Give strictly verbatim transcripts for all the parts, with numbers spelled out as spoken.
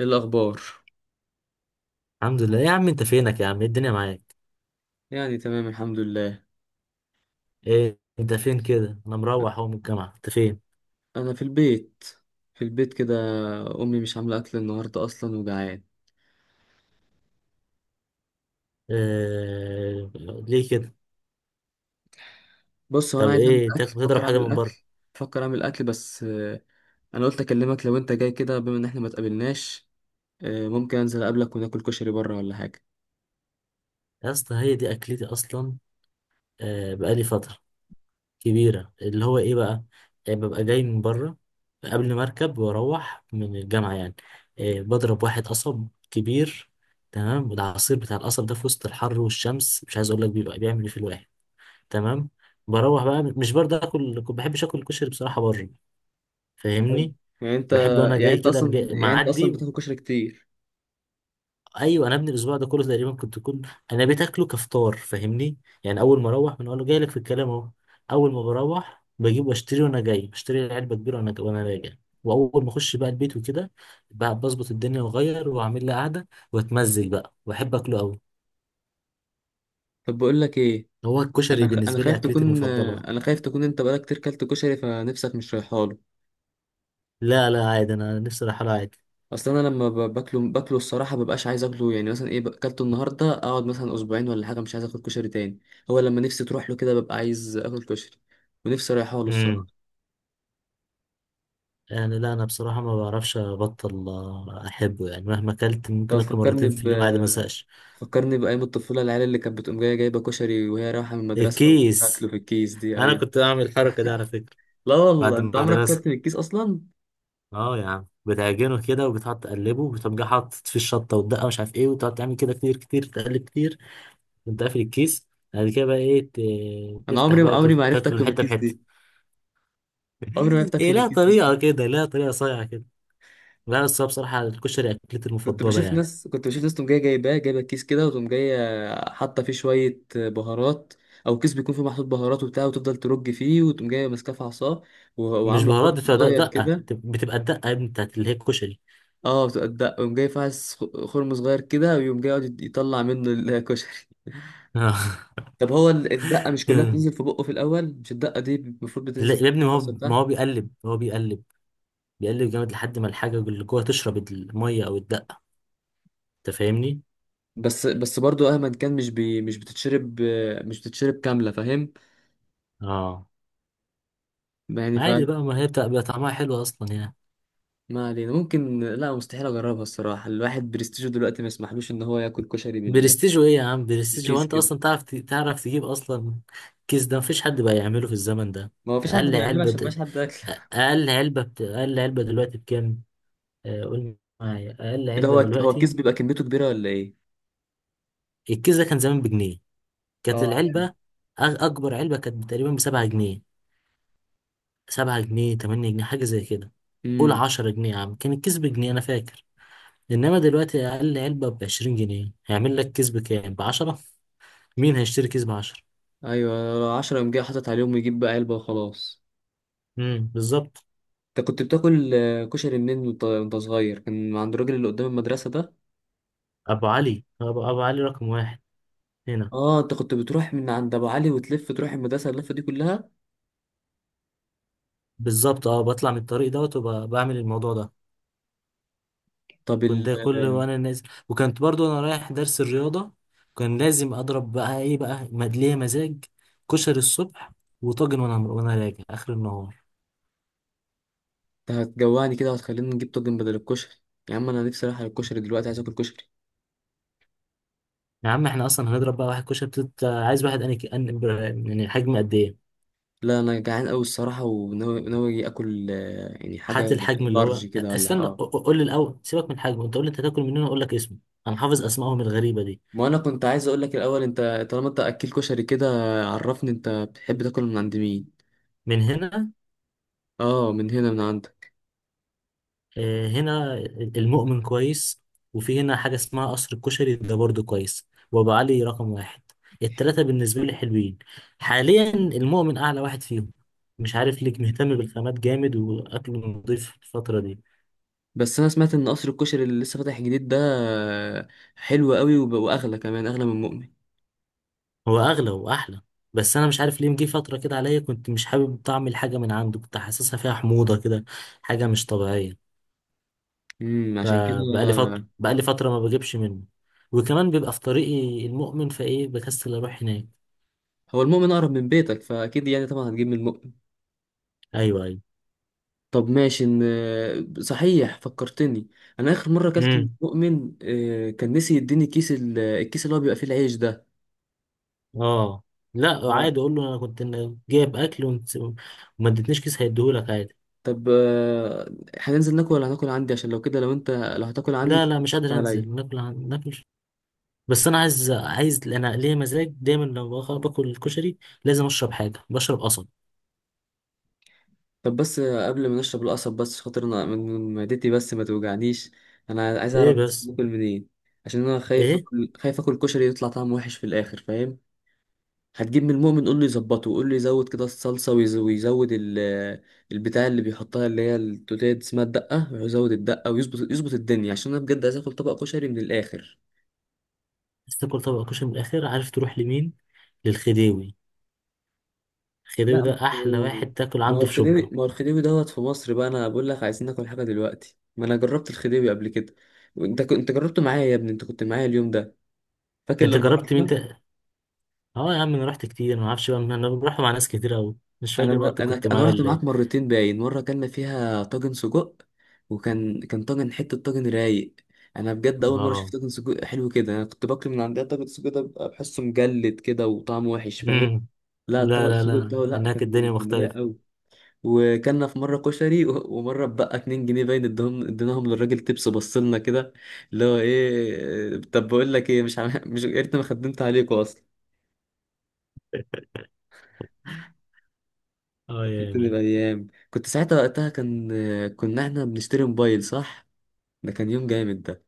إيه الأخبار؟ الحمد لله. إيه يا عم؟ انت فينك يا عم؟ ايه الدنيا معاك؟ يعني تمام الحمد لله. ايه انت فين كده؟ انا مروح اهو من الجامعه، انت فين؟ أنا في البيت في البيت كده. أمي مش عاملة أكل النهاردة، أصلا وجعان. إيه... ليه كده؟ بص، هو أنا طب عايز أعمل ايه أكل، تاكل؟ تضرب فكر حاجه أعمل من بره؟ أكل فكر أعمل أكل بس آه، أنا قلت أكلمك لو أنت جاي كده بما إن إحنا ما اتقابلناش. آه، ممكن أنزل أقابلك وناكل كشري بره ولا حاجة. يا اسطى هي دي اكلتي اصلا. آه، بقالي فتره كبيره اللي هو ايه بقى. إيه، ببقى جاي من بره قبل ما اركب واروح من الجامعه يعني. إيه، بضرب واحد قصب كبير. تمام، العصير بتاع القصب ده في وسط الحر والشمس مش عايز اقول لك بيبقى بيعمل ايه في الواحد. تمام. بروح بقى مش برضه اكل، ما بحبش اكل الكشري بصراحه بره، حلو. فاهمني؟ يعني أنت بحب انا يعني جاي أنت كده أقوم أصلا جاي يعني أنت أصلا معدي. بتاكل كشري كتير؟ ايوه، انا ابني الاسبوع ده كله تقريبا كنت كل. انا بتاكله كفطار، فاهمني؟ يعني اول ما اروح بنقول له جاي لك في الكلام اهو. اول ما بروح بجيب واشتري، وانا جاي بشتري علبه كبيره، وانا وانا راجع. واول ما اخش بقى البيت وكده بقى بظبط الدنيا واغير واعمل لي قعده واتمزج بقى، واحب اكله قوي. طب بقول لك إيه. هو الكشري أنا خ... أنا بالنسبه لي خايف اكلتي تكون المفضله. آه، أنا خايف تكون أنت بقالك كتير كلت كشري فنفسك مش رايحاله. لا لا عادي، انا نفسي رايحه له عادي. اصل انا لما ب- باكله باكله الصراحه مبقاش عايز اكله. يعني مثلا ايه اكلته النهارده اقعد مثلا اسبوعين ولا حاجه مش عايز اكل كشري تاني. هو لما نفسي تروح له كده ببقى عايز اكل كشري، ونفسي رايحه له الصراحه. امم يعني لا، انا بصراحه ما بعرفش ابطل، آه، احبه، يعني مهما اكلت طب ممكن اكله فكرني مرتين في ب اليوم عادي ما ازهقش. فكرني بايام الطفوله، العيال اللي كانت بتقوم جايه جايبه كشري وهي رايحه من المدرسه وتاكله الكيس، في الكيس دي. انا ايوه. كنت بعمل الحركه دي على فكره لا والله، بعد انت عمرك المدرسه. اكلت من الكيس اصلا؟ اه يا عم، بتعجنه كده وبتقعد تقلبه وبتقوم جاي حاطط فيه الشطه والدقه ومش عارف ايه وتقعد تعمل كده كتير كتير، تقلب كتير وانت قافل الكيس. بعد كده بقى ايه، ت- انا تفتح عمري بقى عمري ما عرفت وتاكل اكله من حته الكيس بحته. دي. عمري ما عرفت هي اكله من لها الكيس طريقه دي. كده، لها طريقه صايعه كده. لا بس هو بصراحه الكشري اكلتي كنت المفضله بشوف يعني. ناس كنت بشوف ناس تقوم جايه جايباه جايبه كيس كده وتقوم جايه حاطه فيه شويه بهارات، او كيس بيكون فيه محطوط بهارات وبتاع وتفضل ترج فيه وتقوم جايه ماسكاه في عصاه و- مش وعامله بهارات، خرم بتبقى دق- صغير دقة كده. بتبقى الدقة يا ابني بتاعت اللي هي الكشري. اه بتبقى- يقوم جاي فاعس خ- خرم صغير كده ويقوم جاي يقعد يطلع منه الكشري. آه. طب هو ال- الدقه مش كلها بتنزل في بقه في الاول؟ مش الدقه دي المفروض لا بتنزل في يا ابني، ما الراس هو ما بتاعها. هو بيقلب ما هو بيقلب. بيقلب جامد لحد ما الحاجة اللي جوه تشرب المية أو الدقة، أنت فاهمني؟ بس بس برضو مهما كان مش بي مش بتتشرب مش بتتشرب كامله، فاهم؟ اه. يعني عادي بقى، ما هي بتبقى بيبقى طعمها حلو أصلا يعني. ما علينا. ممكن، لا مستحيل اجربها الصراحه، الواحد برستيجه دلوقتي ما يسمحلوش ان هو ياكل كشري بال- برستيج إيه يا عم؟ برستيج، هو بالكيس أنت كده. أصلا تعرف ت- تعرف تجيب أصلا؟ كيس ده مفيش حد بقى يعمله في الزمن ده. ما هو فيش حد أقل بيعمله علبة عشان د- مبقاش حد اكل. أقل علبة بت... أقل علبة دلوقتي بكام؟ آه، قول معايا أقل كده علبة هو هو الكيس دلوقتي. بيبقى كميته كبيره ولا ايه؟ الكيس ده كان زمان بجنيه. كانت اه. العلبة أ- أكبر علبة كانت تقريبا بسبعة جنيه، سبعة جنيه تمانية جنيه حاجة زي كده. قول امم عشرة جنيه يا عم، كان الكيس بجنيه أنا فاكر. إنما دلوقتي أقل علبة بعشرين جنيه، هيعمل لك كيس بكام؟ بعشرة. مين هيشتري كيس بعشرة؟ ايوه، عشرة قام جاي حاطط عليهم يجيب بقى علبه وخلاص. امم بالظبط. انت كنت بتاكل آه، كشري منين وانت وأنت صغير؟ كان من عند الراجل اللي قدام المدرسه ده. أبو علي أبو, أبو علي رقم واحد، هنا. اه، انت كنت بتروح من عند ابو علي وتلف تروح المدرسه اللفه دي كلها. بالظبط، أه بطلع من الطريق دوت وبعمل الموضوع ده. طب كنت ال ده كل آه، وانا نازل. وكنت برضو انا رايح درس الرياضة، كان لازم اضرب بقى ايه بقى مدلية مزاج، كشري الصبح، وطاجن وانا وانا راجع اخر النهار. انت هتجوعني كده وهتخليني نجيب طاجن بدل الكشري. يا عم انا نفسي رايح على الكشري دلوقتي، عايز اكل كشري. يا عم، احنا اصلا هنضرب بقى واحد كشري بتت... عايز واحد انا، يعني حجم قد ايه؟ لا انا جعان قوي الصراحه، وناوي ناوي أجي اكل، آه، يعني حاجه هات الحجم اللي هو، لارج كده ولا استنى، ق- اه. ق- قول لي الاول، سيبك من الحجم، انت قول لي انت هتاكل منين اقول لك اسمه. انا حافظ اسمائهم الغريبة دي. ما انا كنت عايز اقول لك الاول، انت طالما انت اكل كشري كده عرفني انت بتحب تاكل من عند مين. من هنا، اه، من هنا من عندك. آه، هنا. المؤمن كويس، وفي هنا حاجة اسمها قصر الكشري ده برضه كويس، وأبو علي رقم واحد. التلاتة بالنسبة لي حلوين. حاليا المؤمن أعلى واحد فيهم، مش عارف ليك، مهتم بالخامات جامد وأكله نضيف الفترة دي. بس انا سمعت ان قصر الكشري اللي لسه فاتح جديد ده آه، حلو قوي وب- واغلى كمان، اغلى من مؤمن. هو أغلى وأحلى. بس أنا مش عارف ليه مجي فترة كده عليا كنت مش حابب طعم الحاجة من عنده، كنت حاسسها فيها حموضة كده، حاجة مش طبيعية. امم عشان كده. فبقالي فترة، آه، بقالي فترة ما بجيبش منه. وكمان بيبقى في طريقي المؤمن فإيه بكسل أروح هناك. هو المؤمن اقرب من بيتك فاكيد، يعني طبعا هتجيب من. أيوه أيوه. طب ماشي، إن- صحيح فكرتني. انا اخر مره اكلت من امم مؤمن آه، كان نسي يديني كيس ال- الكيس اللي هو بيبقى فيه العيش ده. اه. لا و- عادي، اقول له انا كنت إن- جايب اكل ونس- وما ادتنيش كيس، هيديهولك عادي. طب آه، هننزل ناكل ولا هناكل عندي؟ عشان لو كده، لو انت لو هتاكل عندي لا لا مش تحط قادر عليا. انزل ناكل عن- ناكل. بس انا عايز عايز انا ليا مزاج دايما لما باخ- باكل الكشري لازم اشرب حاجه، بشرب قصب. طب بس آه، قبل ما نشرب القصب، بس عشان خاطر انا من من معدتي بس ما توجعنيش. انا عايز ايه اعرف بس بس؟ باكل منين، عشان انا خايف ايه اكل خايف اكل كشري يطلع طعمه وحش في الاخر، فاهم؟ هتجيب من المؤمن قول له يظبطه، وقول له يزود كده الصلصة ويز- ويزود ال- البتاع اللي بيحطها اللي هي التوتيه دي اسمها الدقة، يزود الدقة ويظبط يظبط الدنيا عشان انا بجد عايز اكل طبق كشري من الاخر. بس تاكل طبق كشري من الاخر؟ عارف تروح لمين؟ للخديوي. الخديوي لا ما ده احلى هو واحد تاكل ما هو عنده في الخديوي شبرا. ما هو الخديوي دوت في مصر بقى. انا بقول لك عايزين ناكل حاجة دلوقتي، ما انا جربت الخديوي قبل كده، وانت كنت جربته معايا يا ابني، انت كنت معايا اليوم ده، فاكر انت لما جربت مين رحنا. تا... اه يا عم، انا رحت كتير، ما اعرفش بقى، انا رحت مع ناس كتير قوي، مش انا فاكر بقى بر... انت انا كنت انا معايا رحت ولا ايه. معاك مرتين، باين مره كنا فيها طاجن سجق، وكان كان طاجن، حته طاجن رايق. انا بجد اول مره شفت اه. طاجن سجق حلو كده. انا كنت باكل من عندها طاجن سجق ده بيبقى بحسه مجلد كده وطعمه وحش، فاهم؟ مم. لا طبق لا لا السجق لا، بتاعه لا هناك كان الدنيا كان رايق مختلفة. قوي. وكلنا في مره كشري و... ومره بقى اتنين جنيه باين ادهم، اديناهم للراجل تبس بصلنا كده. اللي هو ايه؟ طب بقول لك ايه، مش عم... مش يا ريتني ما خدمت عليكوا اصلا. اه يا فكرتني مان. بأيام كنت ساعتها، وقتها كان كنا احنا بنشتري موبايل، صح؟ ده كان يوم جامد ده.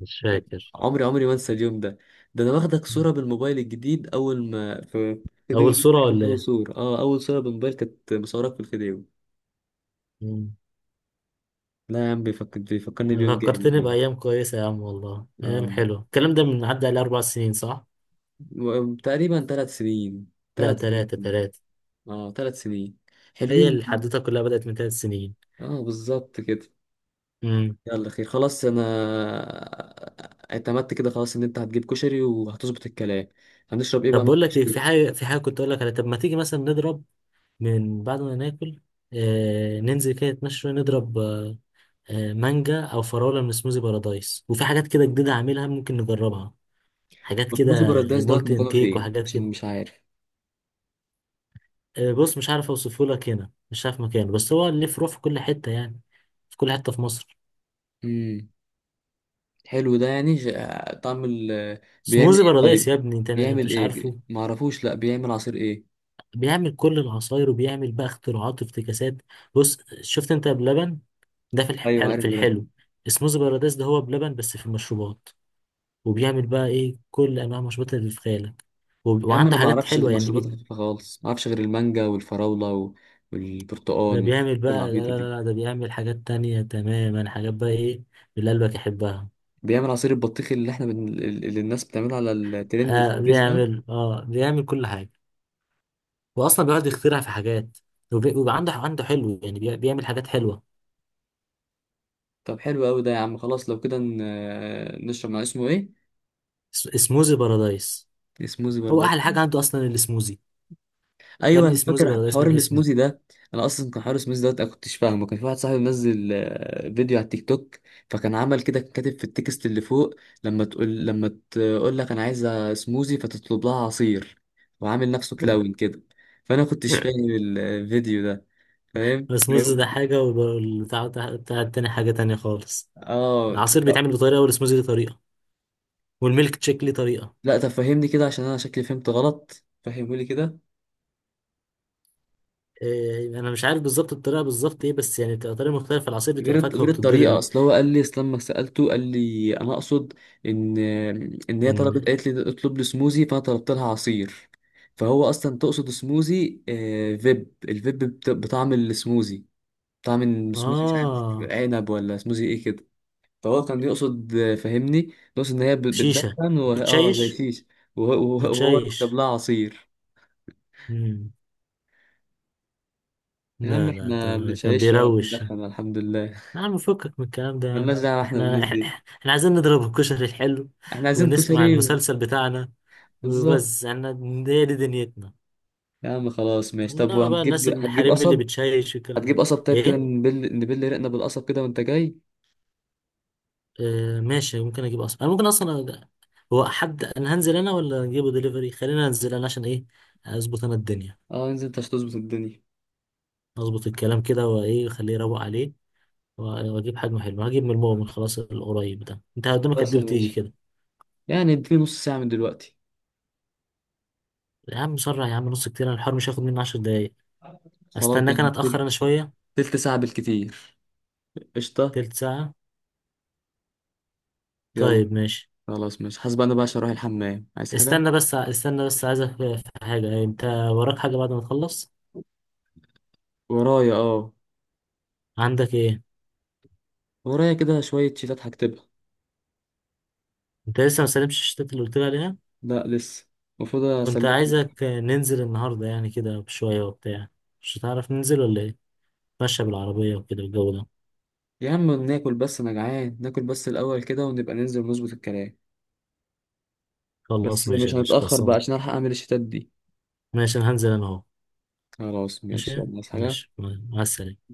مش فاكر. عمري عمري ما انسى اليوم ده. ده انا واخدك صورة بالموبايل الجديد اول ما في الفيديو أول ده، صورة تقريبا ولا اول إيه؟ صورة اه اول صورة بالموبايل كانت مصورك في الفيديو. مم. لا يا عم، بيفكر بيفكرني بيوم جامد فكرتني يعني. بأيام كويسة يا عم، والله أيام اه. حلوة. الكلام ده من عدى عليه أربع سنين صح؟ و- تقريبا ثلاث سنين لا، ثلاث تلاتة سنين تلاتة. اه ثلاث سنين، هي حلوين يا عم. الحدوتة كلها بدأت من تلات سنين. اه بالظبط كده. مم. يلا، خير، خلاص. انا اعتمدت كده خلاص ان انت هتجيب كشري وهتظبط الكلام. هنشرب ايه بقى طب مع بقول لك إيه، في الكشري؟ حاجة، في حاجة كنت أقول لك على، طب ما تيجي مثلا نضرب من بعد ما ناكل، آه ننزل كده نتمشى شوية نضرب آه، آه، مانجا أو فراولة من سموزي بارادايس، وفي حاجات كده جديدة هعملها ممكن نجربها، حاجات بسبوسه كده، بارادايس دوت مولتن مكانه كيك فين وحاجات كده. عشان مش عارف. آه، بص مش عارف اوصفه لك هنا، مش عارف مكانه، بس هو ليه فروع في كل حته يعني، في كل حته في مصر. امم حلو ده. يعني ج- طعم ال... بيعمل سموزي ايه بارادايس يا طيب ابني، انت انت بيعمل مش عارفه. ايه ما اعرفوش، لا بيعمل عصير ايه؟ بيعمل كل العصاير، وبيعمل بقى اختراعات وافتكاسات. بص، شفت انت بلبن؟ ده في ايوه الحل... في عارف بلبن. الحلو. سموزي بارادايس ده هو بلبن بس في المشروبات. وبيعمل بقى ايه كل انواع المشروبات اللي في خيالك. وب... يا عم انا وعنده ما حاجات اعرفش غير حلوه يعني المشروبات بي... الخفيفه خالص، ما اعرفش غير المانجا والفراوله و- ده والبرتقال والحاجات بيعمل بقى، لا العبيطه لا دي. لا لا، ده بيعمل حاجات تانية تماما، حاجات بقى ايه اللي قلبك يحبها. بيعمل عصير البطيخ اللي احنا بن... اللي الناس بتعمله على الترند في آه الفيس ده. بيعمل، اه بيعمل كل حاجة، وأصلا بيقعد يخترع في حاجات، وبي- وبيبقى عنده عنده حلو يعني بي- بيعمل حاجات حلوة. طب حلو قوي ده يا عم، خلاص لو كده ن- نشرب مع اسمه ايه؟ س- سموزي بارادايس، السموزي هو برضه. أحلى حاجة عنده أصلا السموزي. يا ايوه، ابني انا سموزي فاكر بارادايس حوار من اسمه. السموزي ده. انا اصلا كان حوار السموزي ده انا كنتش فاهمه. كان في واحد صاحبي منزل آه، فيديو على التيك توك، فكان عمل كده، كان كاتب في التكست اللي فوق لما تقول لما تقول لك انا عايزه سموزي فتطلب لها عصير، وعامل نفسه كلاون كده، فانا كنتش فاهم الفيديو ده. فاهم، السموزي فاهم؟ ده حاجة والبتاع بتاع بتاع التاني حاجة تانية خالص. اه. العصير بيتعمل بطريقة، والسموزي ليه طريقة، والميلك تشيك ليه طريقة. لا طب فهمني كده عشان انا شكلي فهمت غلط، فهمه لي كده. إيه، أنا مش عارف بالظبط الطريقة بالظبط إيه، بس يعني بتبقى طريقة مختلفة، العصير غير بتبقى الط- فاكهة غير الطريقه وبتتضرب. اصل هو قال لي اصل لما سالته قال لي انا اقصد ان ان هي طلبت، إن قالت لي اطلب لي سموزي فانا طلبت لها عصير. فهو اصلا تقصد سموزي، آه، فيب الفيب بت- بطعم السموزي. طعم السموزي، مش عارف، آه عنب ولا سموزي ايه كده. فهو كان يقصد، آه، فهمني، يقصد ان هي بت- شيشة. بتدخن وه- اه زي بتشيش. شيش، وه- وه- وهو كتب بتشيش. لها عصير. مم. يا عم لا لا ده احنا مش كان عايش ولا بيروش. بندخن الحمد لله، يا عم فكك من الكلام ده يا ملناش عم. دعوه احنا احنا بالناس دي. احنا عايزين نضرب الكشري الحلو احنا عايزين ونسمع كشري. المسلسل بتاعنا بالظبط. وبس. احنا هي دي دنيتنا. يا عم خلاص ماشي، طب انما بقى وهتجيب الناس هتجيب الحريم اللي قصب؟ بتشيش والكلام ده. هتجيب قصب، طيب كده ايه. نبل نبل رقنا بالقصب كده وانت جاي. اه ماشي، ممكن اجيب اصلا، انا ممكن اصلا أ- هو حد، انا هنزل انا ولا اجيبه دليفري؟ خلينا انزل انا، عشان ايه، اظبط انا الدنيا، اه، انزل انت هتظبط الدنيا. اظبط الكلام كده، وايه خليه يروق عليه، و- واجيب حجمه حلو، هجيب من المؤمن خلاص القريب ده، انت قدامك بس قد ايه يا وتيجي باشا، كده. يعني اديني نص ساعة من دلوقتي. يا عم سرع يا عم، نص كتير، أنا الحوار مش هياخد مني عشر دقايق، خلاص استناك انا يعني اتأخر تل- انا شوية. تلت ساعة بالكتير. قشطة. تلت ساعة يلا. طيب ماشي. خلاص ماشي، حاسب انا بقى عشان اروح الحمام، عايز حاجة؟ استنى بس، استنى بس عايزك في حاجة، انت وراك حاجة بعد ما تخلص؟ ورايا، اه. عندك ايه؟ ورايا كده شوية شيتات هكتبها. انت لسه ما سلمتش الشتات اللي قلت لي عليها؟ لا لسه، المفروض كنت اسلمها. عايزك ننزل النهاردة يعني كده بشوية وبتاع، مش هتعرف ننزل ولا ايه؟ ماشية بالعربية وكده الجو ده. يا عم ناكل بس، انا جعان، ناكل بس الاول كده ونبقى ننزل ونظبط الكلام. خلاص بس ماشي يا مش باشا هنتأخر بقى خلصان. عشان الحق اعمل الشيتات دي. ماشي، انا هنزل انا اهو. خلاص ماشي ماشي يلا، عايز ماشي، حاجة؟ مع السلامة.